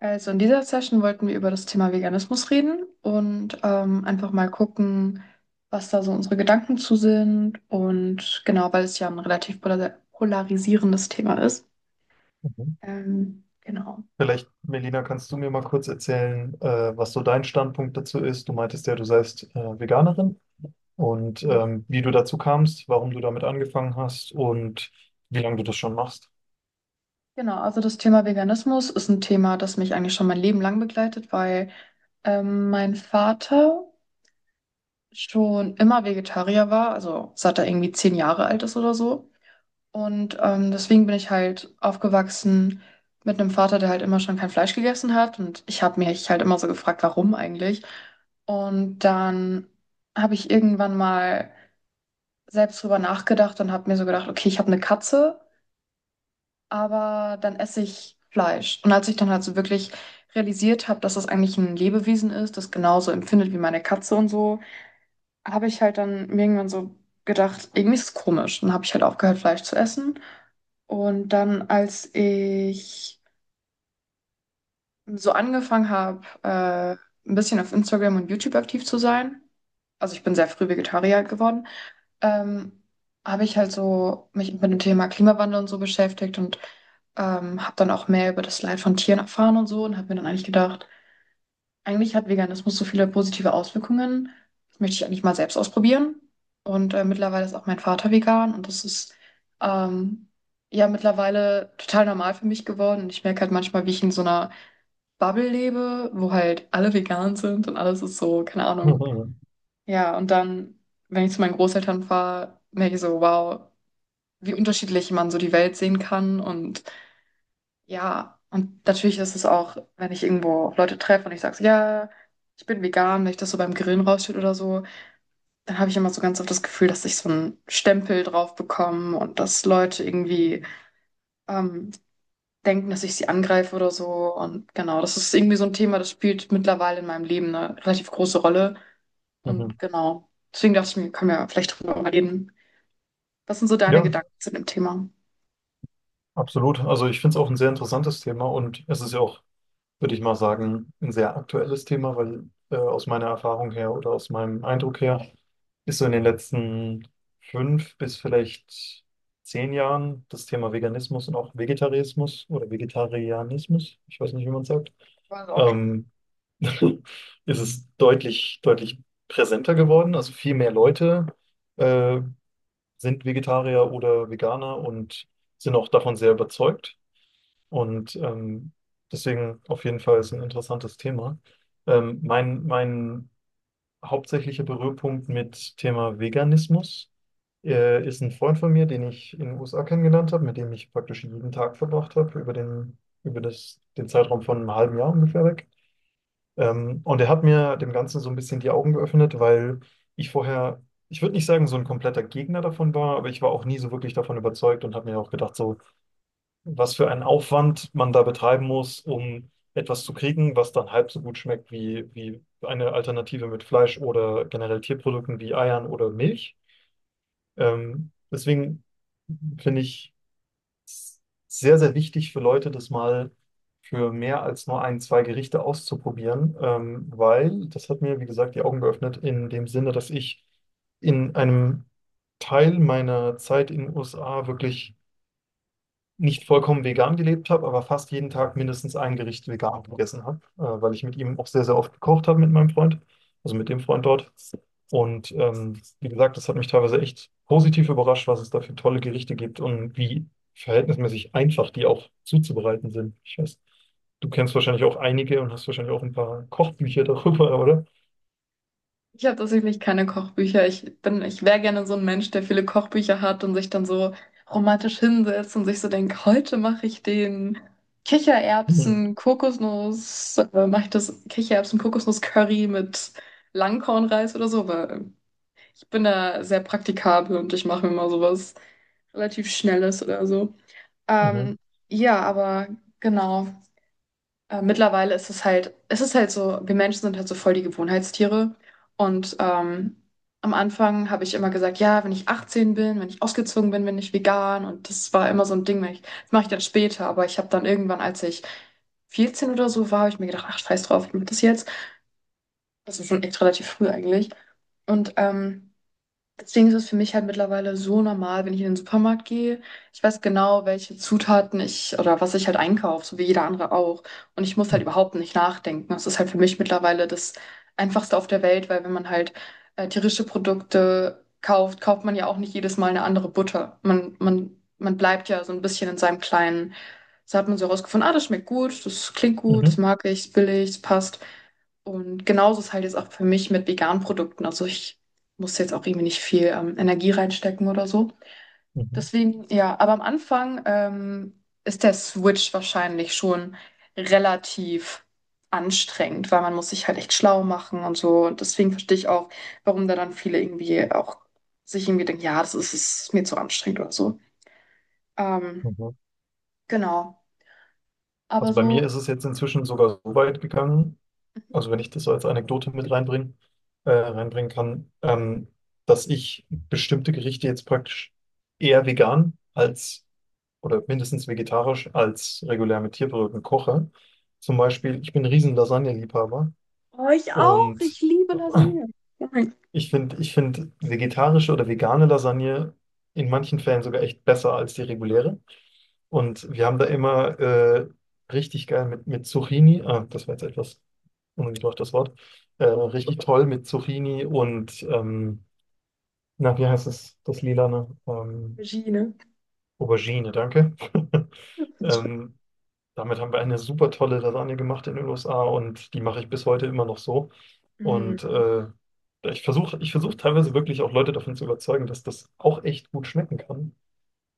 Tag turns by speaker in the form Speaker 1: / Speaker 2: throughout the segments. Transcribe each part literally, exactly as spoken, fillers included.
Speaker 1: Also in dieser Session wollten wir über das Thema Veganismus reden und ähm, einfach mal gucken, was da so unsere Gedanken zu sind und genau, weil es ja ein relativ polar- polarisierendes Thema ist.
Speaker 2: Mhm.
Speaker 1: Ähm, genau.
Speaker 2: Vielleicht, Melina, kannst du mir mal kurz erzählen, äh, was so dein Standpunkt dazu ist? Du meintest ja, du seist äh, Veganerin und
Speaker 1: Ja.
Speaker 2: ähm, wie du dazu kamst, warum du damit angefangen hast und wie lange du das schon machst.
Speaker 1: Genau, also das Thema Veganismus ist ein Thema, das mich eigentlich schon mein Leben lang begleitet, weil ähm, mein Vater schon immer Vegetarier war, also seit er irgendwie zehn Jahre alt ist oder so. Und ähm, deswegen bin ich halt aufgewachsen mit einem Vater, der halt immer schon kein Fleisch gegessen hat. Und ich habe mich halt immer so gefragt, warum eigentlich. Und dann habe ich irgendwann mal selbst drüber nachgedacht und habe mir so gedacht, okay, ich habe eine Katze, aber dann esse ich Fleisch. Und als ich dann halt so wirklich realisiert habe, dass das eigentlich ein Lebewesen ist, das genauso empfindet wie meine Katze und so, habe ich halt dann mir irgendwann so gedacht, irgendwie ist es komisch. Und dann habe ich halt aufgehört, Fleisch zu essen. Und dann, als ich so angefangen habe, äh, ein bisschen auf Instagram und YouTube aktiv zu sein, also ich bin sehr früh Vegetarier geworden. ähm, Habe ich halt so mich mit dem Thema Klimawandel und so beschäftigt und ähm, habe dann auch mehr über das Leid von Tieren erfahren und so und habe mir dann eigentlich gedacht, eigentlich hat Veganismus so viele positive Auswirkungen. Das möchte ich eigentlich mal selbst ausprobieren. Und äh, mittlerweile ist auch mein Vater vegan und das ist ähm, ja mittlerweile total normal für mich geworden. Und ich merke halt manchmal, wie ich in so einer Bubble lebe, wo halt alle vegan sind und alles ist so, keine Ahnung.
Speaker 2: Mhm.
Speaker 1: Ja, und dann, wenn ich zu meinen Großeltern fahre, merke ich so, wow, wie unterschiedlich man so die Welt sehen kann. Und ja, und natürlich ist es auch, wenn ich irgendwo auf Leute treffe und ich sage so, ja, ich bin vegan, wenn ich das so beim Grillen rausschütte oder so, dann habe ich immer so ganz oft das Gefühl, dass ich so einen Stempel drauf bekomme und dass Leute irgendwie ähm, denken, dass ich sie angreife oder so. Und genau, das ist irgendwie so ein Thema, das spielt mittlerweile in meinem Leben eine relativ große Rolle.
Speaker 2: Mhm.
Speaker 1: Und genau, deswegen dachte ich mir, können wir vielleicht drüber reden. Was sind so deine
Speaker 2: Ja,
Speaker 1: Gedanken zu dem Thema?
Speaker 2: absolut. Also ich finde es auch ein sehr interessantes Thema und es ist ja auch, würde ich mal sagen, ein sehr aktuelles Thema, weil äh, aus meiner Erfahrung her oder aus meinem Eindruck her ist so in den letzten fünf bis vielleicht zehn Jahren das Thema Veganismus und auch Vegetarismus oder Vegetarianismus, ich weiß nicht, wie man es sagt,
Speaker 1: War so auch eine
Speaker 2: ähm, ist es deutlich, deutlich präsenter geworden. Also viel mehr Leute äh, sind Vegetarier oder Veganer und sind auch davon sehr überzeugt. Und ähm, deswegen auf jeden Fall ist ein interessantes Thema. Ähm, mein, mein hauptsächlicher Berührpunkt mit Thema Veganismus äh, ist ein Freund von mir, den ich in den U S A kennengelernt habe, mit dem ich praktisch jeden Tag verbracht habe, über den, über das, den Zeitraum von einem halben Jahr ungefähr weg. Ähm, und er hat mir dem Ganzen so ein bisschen die Augen geöffnet, weil ich vorher, ich würde nicht sagen, so ein kompletter Gegner davon war, aber ich war auch nie so wirklich davon überzeugt und habe mir auch gedacht, so, was für einen Aufwand man da betreiben muss, um etwas zu kriegen, was dann halb so gut schmeckt wie, wie eine Alternative mit Fleisch oder generell Tierprodukten wie Eiern oder Milch. Ähm, deswegen finde ich es sehr, sehr wichtig für Leute, das mal für mehr als nur ein, zwei Gerichte auszuprobieren, ähm, weil das hat mir, wie gesagt, die Augen geöffnet in dem Sinne, dass ich in einem Teil meiner Zeit in den U S A wirklich nicht vollkommen vegan gelebt habe, aber fast jeden Tag mindestens ein Gericht vegan gegessen habe, äh, weil ich mit ihm auch sehr, sehr oft gekocht habe mit meinem Freund, also mit dem Freund dort. Und ähm, wie gesagt, das hat mich teilweise echt positiv überrascht, was es da für tolle Gerichte gibt und wie verhältnismäßig einfach die auch zuzubereiten sind. Ich weiß, du kennst wahrscheinlich auch einige und hast wahrscheinlich auch ein paar Kochbücher darüber, oder?
Speaker 1: Ich habe tatsächlich keine Kochbücher. Ich bin, ich wäre gerne so ein Mensch, der viele Kochbücher hat und sich dann so romantisch hinsetzt und sich so denkt, heute mache ich den
Speaker 2: Mhm.
Speaker 1: Kichererbsen, Kokosnuss, äh, mache ich das Kichererbsen, Kokosnuss Curry mit Langkornreis oder so, weil ich bin da sehr praktikabel und ich mache mir mal sowas relativ Schnelles oder so.
Speaker 2: Mhm.
Speaker 1: Ähm, ja, aber genau. Äh, mittlerweile ist es halt, es ist halt so, wir Menschen sind halt so voll die Gewohnheitstiere. Und ähm, am Anfang habe ich immer gesagt, ja, wenn ich achtzehn bin, wenn ich ausgezogen bin, bin ich vegan. Und das war immer so ein Ding, wenn ich, das mache ich dann später. Aber ich habe dann irgendwann, als ich vierzehn oder so war, habe ich mir gedacht, ach, scheiß drauf, ich mache das jetzt. Das ist schon echt relativ früh eigentlich. Und ähm, deswegen ist es für mich halt mittlerweile so normal, wenn ich in den Supermarkt gehe. Ich weiß genau, welche Zutaten ich oder was ich halt einkaufe, so wie jeder andere auch. Und ich muss halt
Speaker 2: Mhm.
Speaker 1: überhaupt nicht nachdenken. Das ist halt für mich mittlerweile das Einfachste auf der Welt, weil wenn man halt äh, tierische Produkte kauft, kauft man ja auch nicht jedes Mal eine andere Butter. Man, man, man bleibt ja so ein bisschen in seinem kleinen. So hat man so herausgefunden, ah, das schmeckt gut, das klingt gut, das
Speaker 2: Mhm.
Speaker 1: mag ich, ist billig, es passt. Und genauso ist halt jetzt auch für mich mit veganen Produkten. Also ich muss jetzt auch irgendwie nicht viel ähm, Energie reinstecken oder so.
Speaker 2: Mhm.
Speaker 1: Deswegen, ja, aber am Anfang ähm, ist der Switch wahrscheinlich schon relativ anstrengend, weil man muss sich halt echt schlau machen und so. Und deswegen verstehe ich auch, warum da dann viele irgendwie auch sich irgendwie denken, ja, das ist, ist mir zu anstrengend oder so. Ähm, genau. Aber
Speaker 2: Also bei mir ist
Speaker 1: so.
Speaker 2: es jetzt inzwischen sogar so weit gegangen, also wenn ich das so als Anekdote mit reinbringen, äh, reinbringen kann, ähm, dass ich bestimmte Gerichte jetzt praktisch eher vegan als oder mindestens vegetarisch als regulär mit Tierprodukten koche. Zum Beispiel, ich bin ein riesen Lasagne-Liebhaber
Speaker 1: Oh, ich auch.
Speaker 2: und
Speaker 1: Ich liebe Lasagne. Oh.
Speaker 2: ich finde, ich find vegetarische oder vegane Lasagne in manchen Fällen sogar echt besser als die reguläre. Und wir haben da immer äh, richtig geil mit, mit Zucchini, ah, das war jetzt etwas ungebraucht das Wort, äh, richtig toll mit Zucchini und, ähm, na, wie heißt es, das Lilane? Ähm,
Speaker 1: Regie, ne?
Speaker 2: Aubergine, danke. Ähm, damit haben wir eine super tolle Lasagne gemacht in den U S A und die mache ich bis heute immer noch so.
Speaker 1: Mhm.
Speaker 2: Und äh, ich versuche ich versuche teilweise wirklich auch Leute davon zu überzeugen, dass das auch echt gut schmecken kann.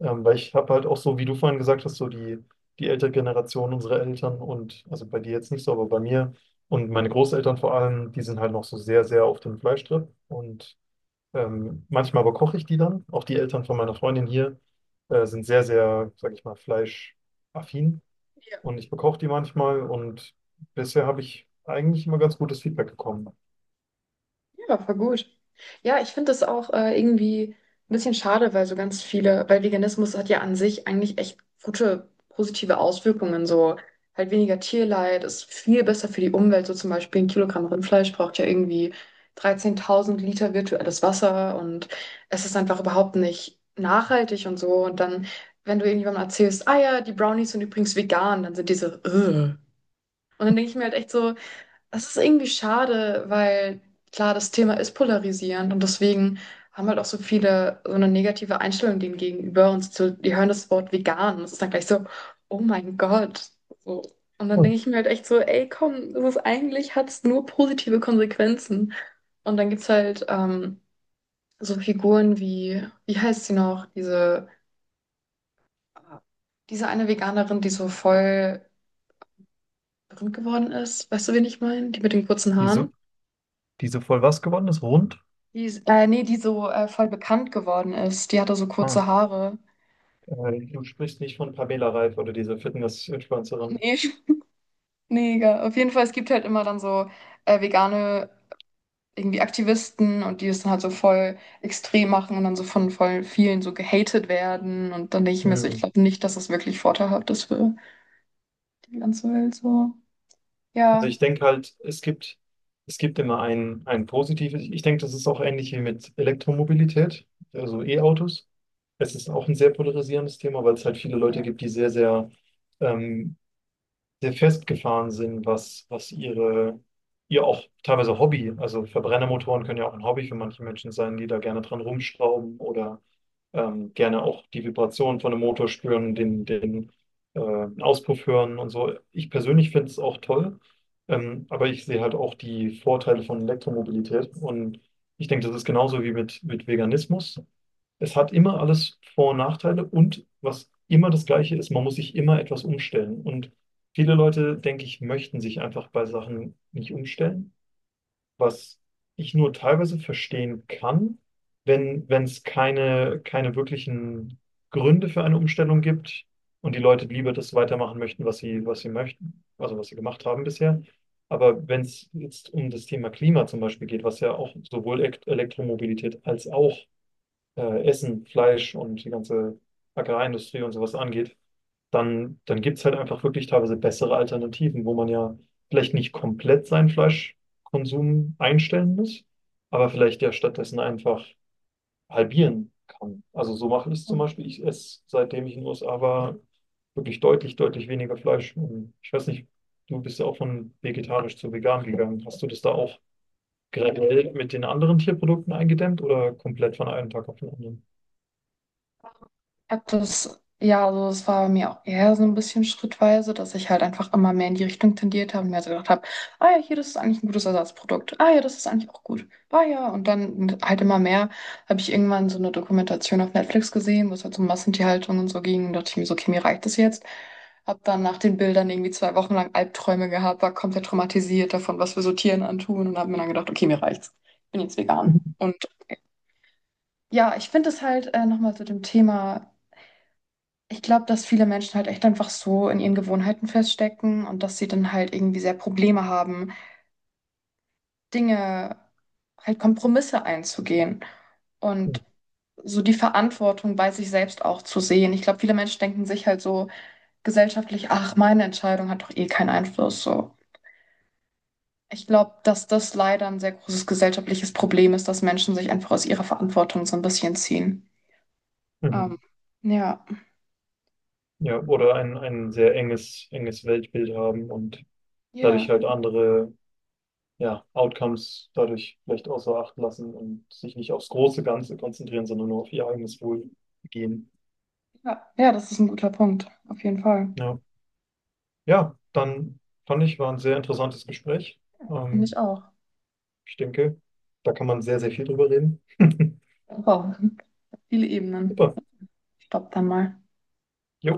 Speaker 2: Ähm, weil ich habe halt auch so, wie du vorhin gesagt hast, so die, die ältere Generation, unsere Eltern und, also bei dir jetzt nicht so, aber bei mir und meine Großeltern vor allem, die sind halt noch so sehr, sehr auf dem Fleischtrip. Und ähm, manchmal aber koche ich die dann. Auch die Eltern von meiner Freundin hier äh, sind sehr, sehr, sag ich mal, fleischaffin. Und ich bekoche die manchmal und bisher habe ich eigentlich immer ganz gutes Feedback bekommen.
Speaker 1: Ja, voll gut. Ja, ich finde das auch äh, irgendwie ein bisschen schade, weil so ganz viele, weil Veganismus hat ja an sich eigentlich echt gute, positive Auswirkungen. So halt weniger Tierleid, ist viel besser für die Umwelt. So zum Beispiel ein Kilogramm Rindfleisch braucht ja irgendwie dreizehntausend Liter virtuelles Wasser und es ist einfach überhaupt nicht nachhaltig und so. Und dann, wenn du irgendjemandem erzählst, ah ja, die Brownies sind übrigens vegan, dann sind diese, so, "Ugh." Und dann denke ich mir halt echt so, das ist irgendwie schade, weil klar, das Thema ist polarisierend und deswegen haben halt auch so viele so eine negative Einstellung dem gegenüber und so, die hören das Wort vegan und es ist dann gleich so, oh mein Gott. So. Und dann
Speaker 2: Oh,
Speaker 1: denke ich mir halt echt so, ey, komm, das ist eigentlich, hat es nur positive Konsequenzen. Und dann gibt es halt ähm, so Figuren wie, wie heißt sie noch, diese, diese eine Veganerin, die so voll berühmt geworden ist. Weißt du, wen ich meine? Die mit den kurzen
Speaker 2: Diese,
Speaker 1: Haaren.
Speaker 2: diese voll was geworden ist? Rund?
Speaker 1: Die ist, äh, nee, die so äh, voll bekannt geworden ist. Die hatte so
Speaker 2: Ah,
Speaker 1: kurze Haare.
Speaker 2: Äh, Du sprichst nicht von Pamela Reif oder dieser Fitness-Influencerin.
Speaker 1: Nee, nee, egal. Auf jeden Fall, es gibt halt immer dann so äh, vegane irgendwie Aktivisten und die es dann halt so voll extrem machen und dann so von voll vielen so gehatet werden. Und dann denke ich mir so, ich
Speaker 2: Hm.
Speaker 1: glaube nicht, dass es wirklich vorteilhaft ist für die ganze Welt so.
Speaker 2: Also
Speaker 1: Ja.
Speaker 2: ich denke halt, es gibt, es gibt immer ein, ein positives. Ich denke, das ist auch ähnlich wie mit Elektromobilität, also E-Autos. Es ist auch ein sehr polarisierendes Thema, weil es halt viele Leute
Speaker 1: Ja.
Speaker 2: gibt, die sehr, sehr ähm, sehr festgefahren sind, was, was ihre, ihr auch teilweise Hobby, also Verbrennermotoren können ja auch ein Hobby für manche Menschen sein, die da gerne dran rumschrauben oder ähm, gerne auch die Vibration von einem Motor spüren, den, den äh, Auspuff hören und so. Ich persönlich finde es auch toll, ähm, aber ich sehe halt auch die Vorteile von Elektromobilität und ich denke, das ist genauso wie mit, mit Veganismus. Es hat immer alles Vor- und Nachteile und was immer das Gleiche ist, man muss sich immer etwas umstellen. Und viele Leute, denke ich, möchten sich einfach bei Sachen nicht umstellen, was ich nur teilweise verstehen kann, wenn wenn es keine, keine wirklichen Gründe für eine Umstellung gibt und die Leute lieber das weitermachen möchten, was sie, was sie möchten, also was sie gemacht haben bisher. Aber wenn es jetzt um das Thema Klima zum Beispiel geht, was ja auch sowohl Elekt- Elektromobilität als auch äh, Essen, Fleisch und die ganze Bäckereiindustrie und sowas angeht, dann, dann gibt es halt einfach wirklich teilweise bessere Alternativen, wo man ja vielleicht nicht komplett seinen Fleischkonsum einstellen muss, aber vielleicht ja stattdessen einfach halbieren kann. Also so mache ich es zum Beispiel. Ich esse, seitdem ich in den U S A war, wirklich deutlich, deutlich weniger Fleisch. Und ich weiß nicht, du bist ja auch von vegetarisch zu vegan gegangen. Hast du das da auch graduell mit den anderen Tierprodukten eingedämmt oder komplett von einem Tag auf den anderen?
Speaker 1: Habe das, ja, also es war bei mir auch eher so ein bisschen schrittweise, dass ich halt einfach immer mehr in die Richtung tendiert habe und mir also gedacht habe, ah ja, hier, das ist eigentlich ein gutes Ersatzprodukt. Ah ja, das ist eigentlich auch gut. Ah ja, und dann halt immer mehr habe ich irgendwann so eine Dokumentation auf Netflix gesehen, wo es halt so um Massentierhaltung und so ging. Und dachte ich mir so, okay, mir reicht das jetzt. Hab dann nach den Bildern irgendwie zwei Wochen lang Albträume gehabt, war komplett traumatisiert davon, was wir so Tieren antun und habe mir dann gedacht, okay, mir reicht's. Ich bin jetzt vegan. Und ja, ich finde es halt äh, nochmal zu dem Thema. Ich glaube, dass viele Menschen halt echt einfach so in ihren Gewohnheiten feststecken und dass sie dann halt irgendwie sehr Probleme haben, Dinge, halt Kompromisse einzugehen und so die Verantwortung bei sich selbst auch zu sehen. Ich glaube, viele Menschen denken sich halt so gesellschaftlich, ach, meine Entscheidung hat doch eh keinen Einfluss so. Ich glaube, dass das leider ein sehr großes gesellschaftliches Problem ist, dass Menschen sich einfach aus ihrer Verantwortung so ein bisschen ziehen. Ähm,
Speaker 2: Mhm.
Speaker 1: ja,
Speaker 2: Ja, oder ein, ein sehr enges, enges Weltbild haben und dadurch
Speaker 1: ja,
Speaker 2: halt andere, ja, Outcomes dadurch vielleicht außer Acht lassen und sich nicht aufs große Ganze konzentrieren, sondern nur auf ihr eigenes Wohlgehen.
Speaker 1: ja, ja, das ist ein guter Punkt, auf jeden Fall.
Speaker 2: Ja, ja, dann fand ich, war ein sehr interessantes Gespräch.
Speaker 1: Finde ich
Speaker 2: Ähm,
Speaker 1: auch.
Speaker 2: ich denke, da kann man sehr, sehr viel drüber reden.
Speaker 1: Wow, viele Ebenen.
Speaker 2: Super.
Speaker 1: Stopp dann mal.
Speaker 2: Jo.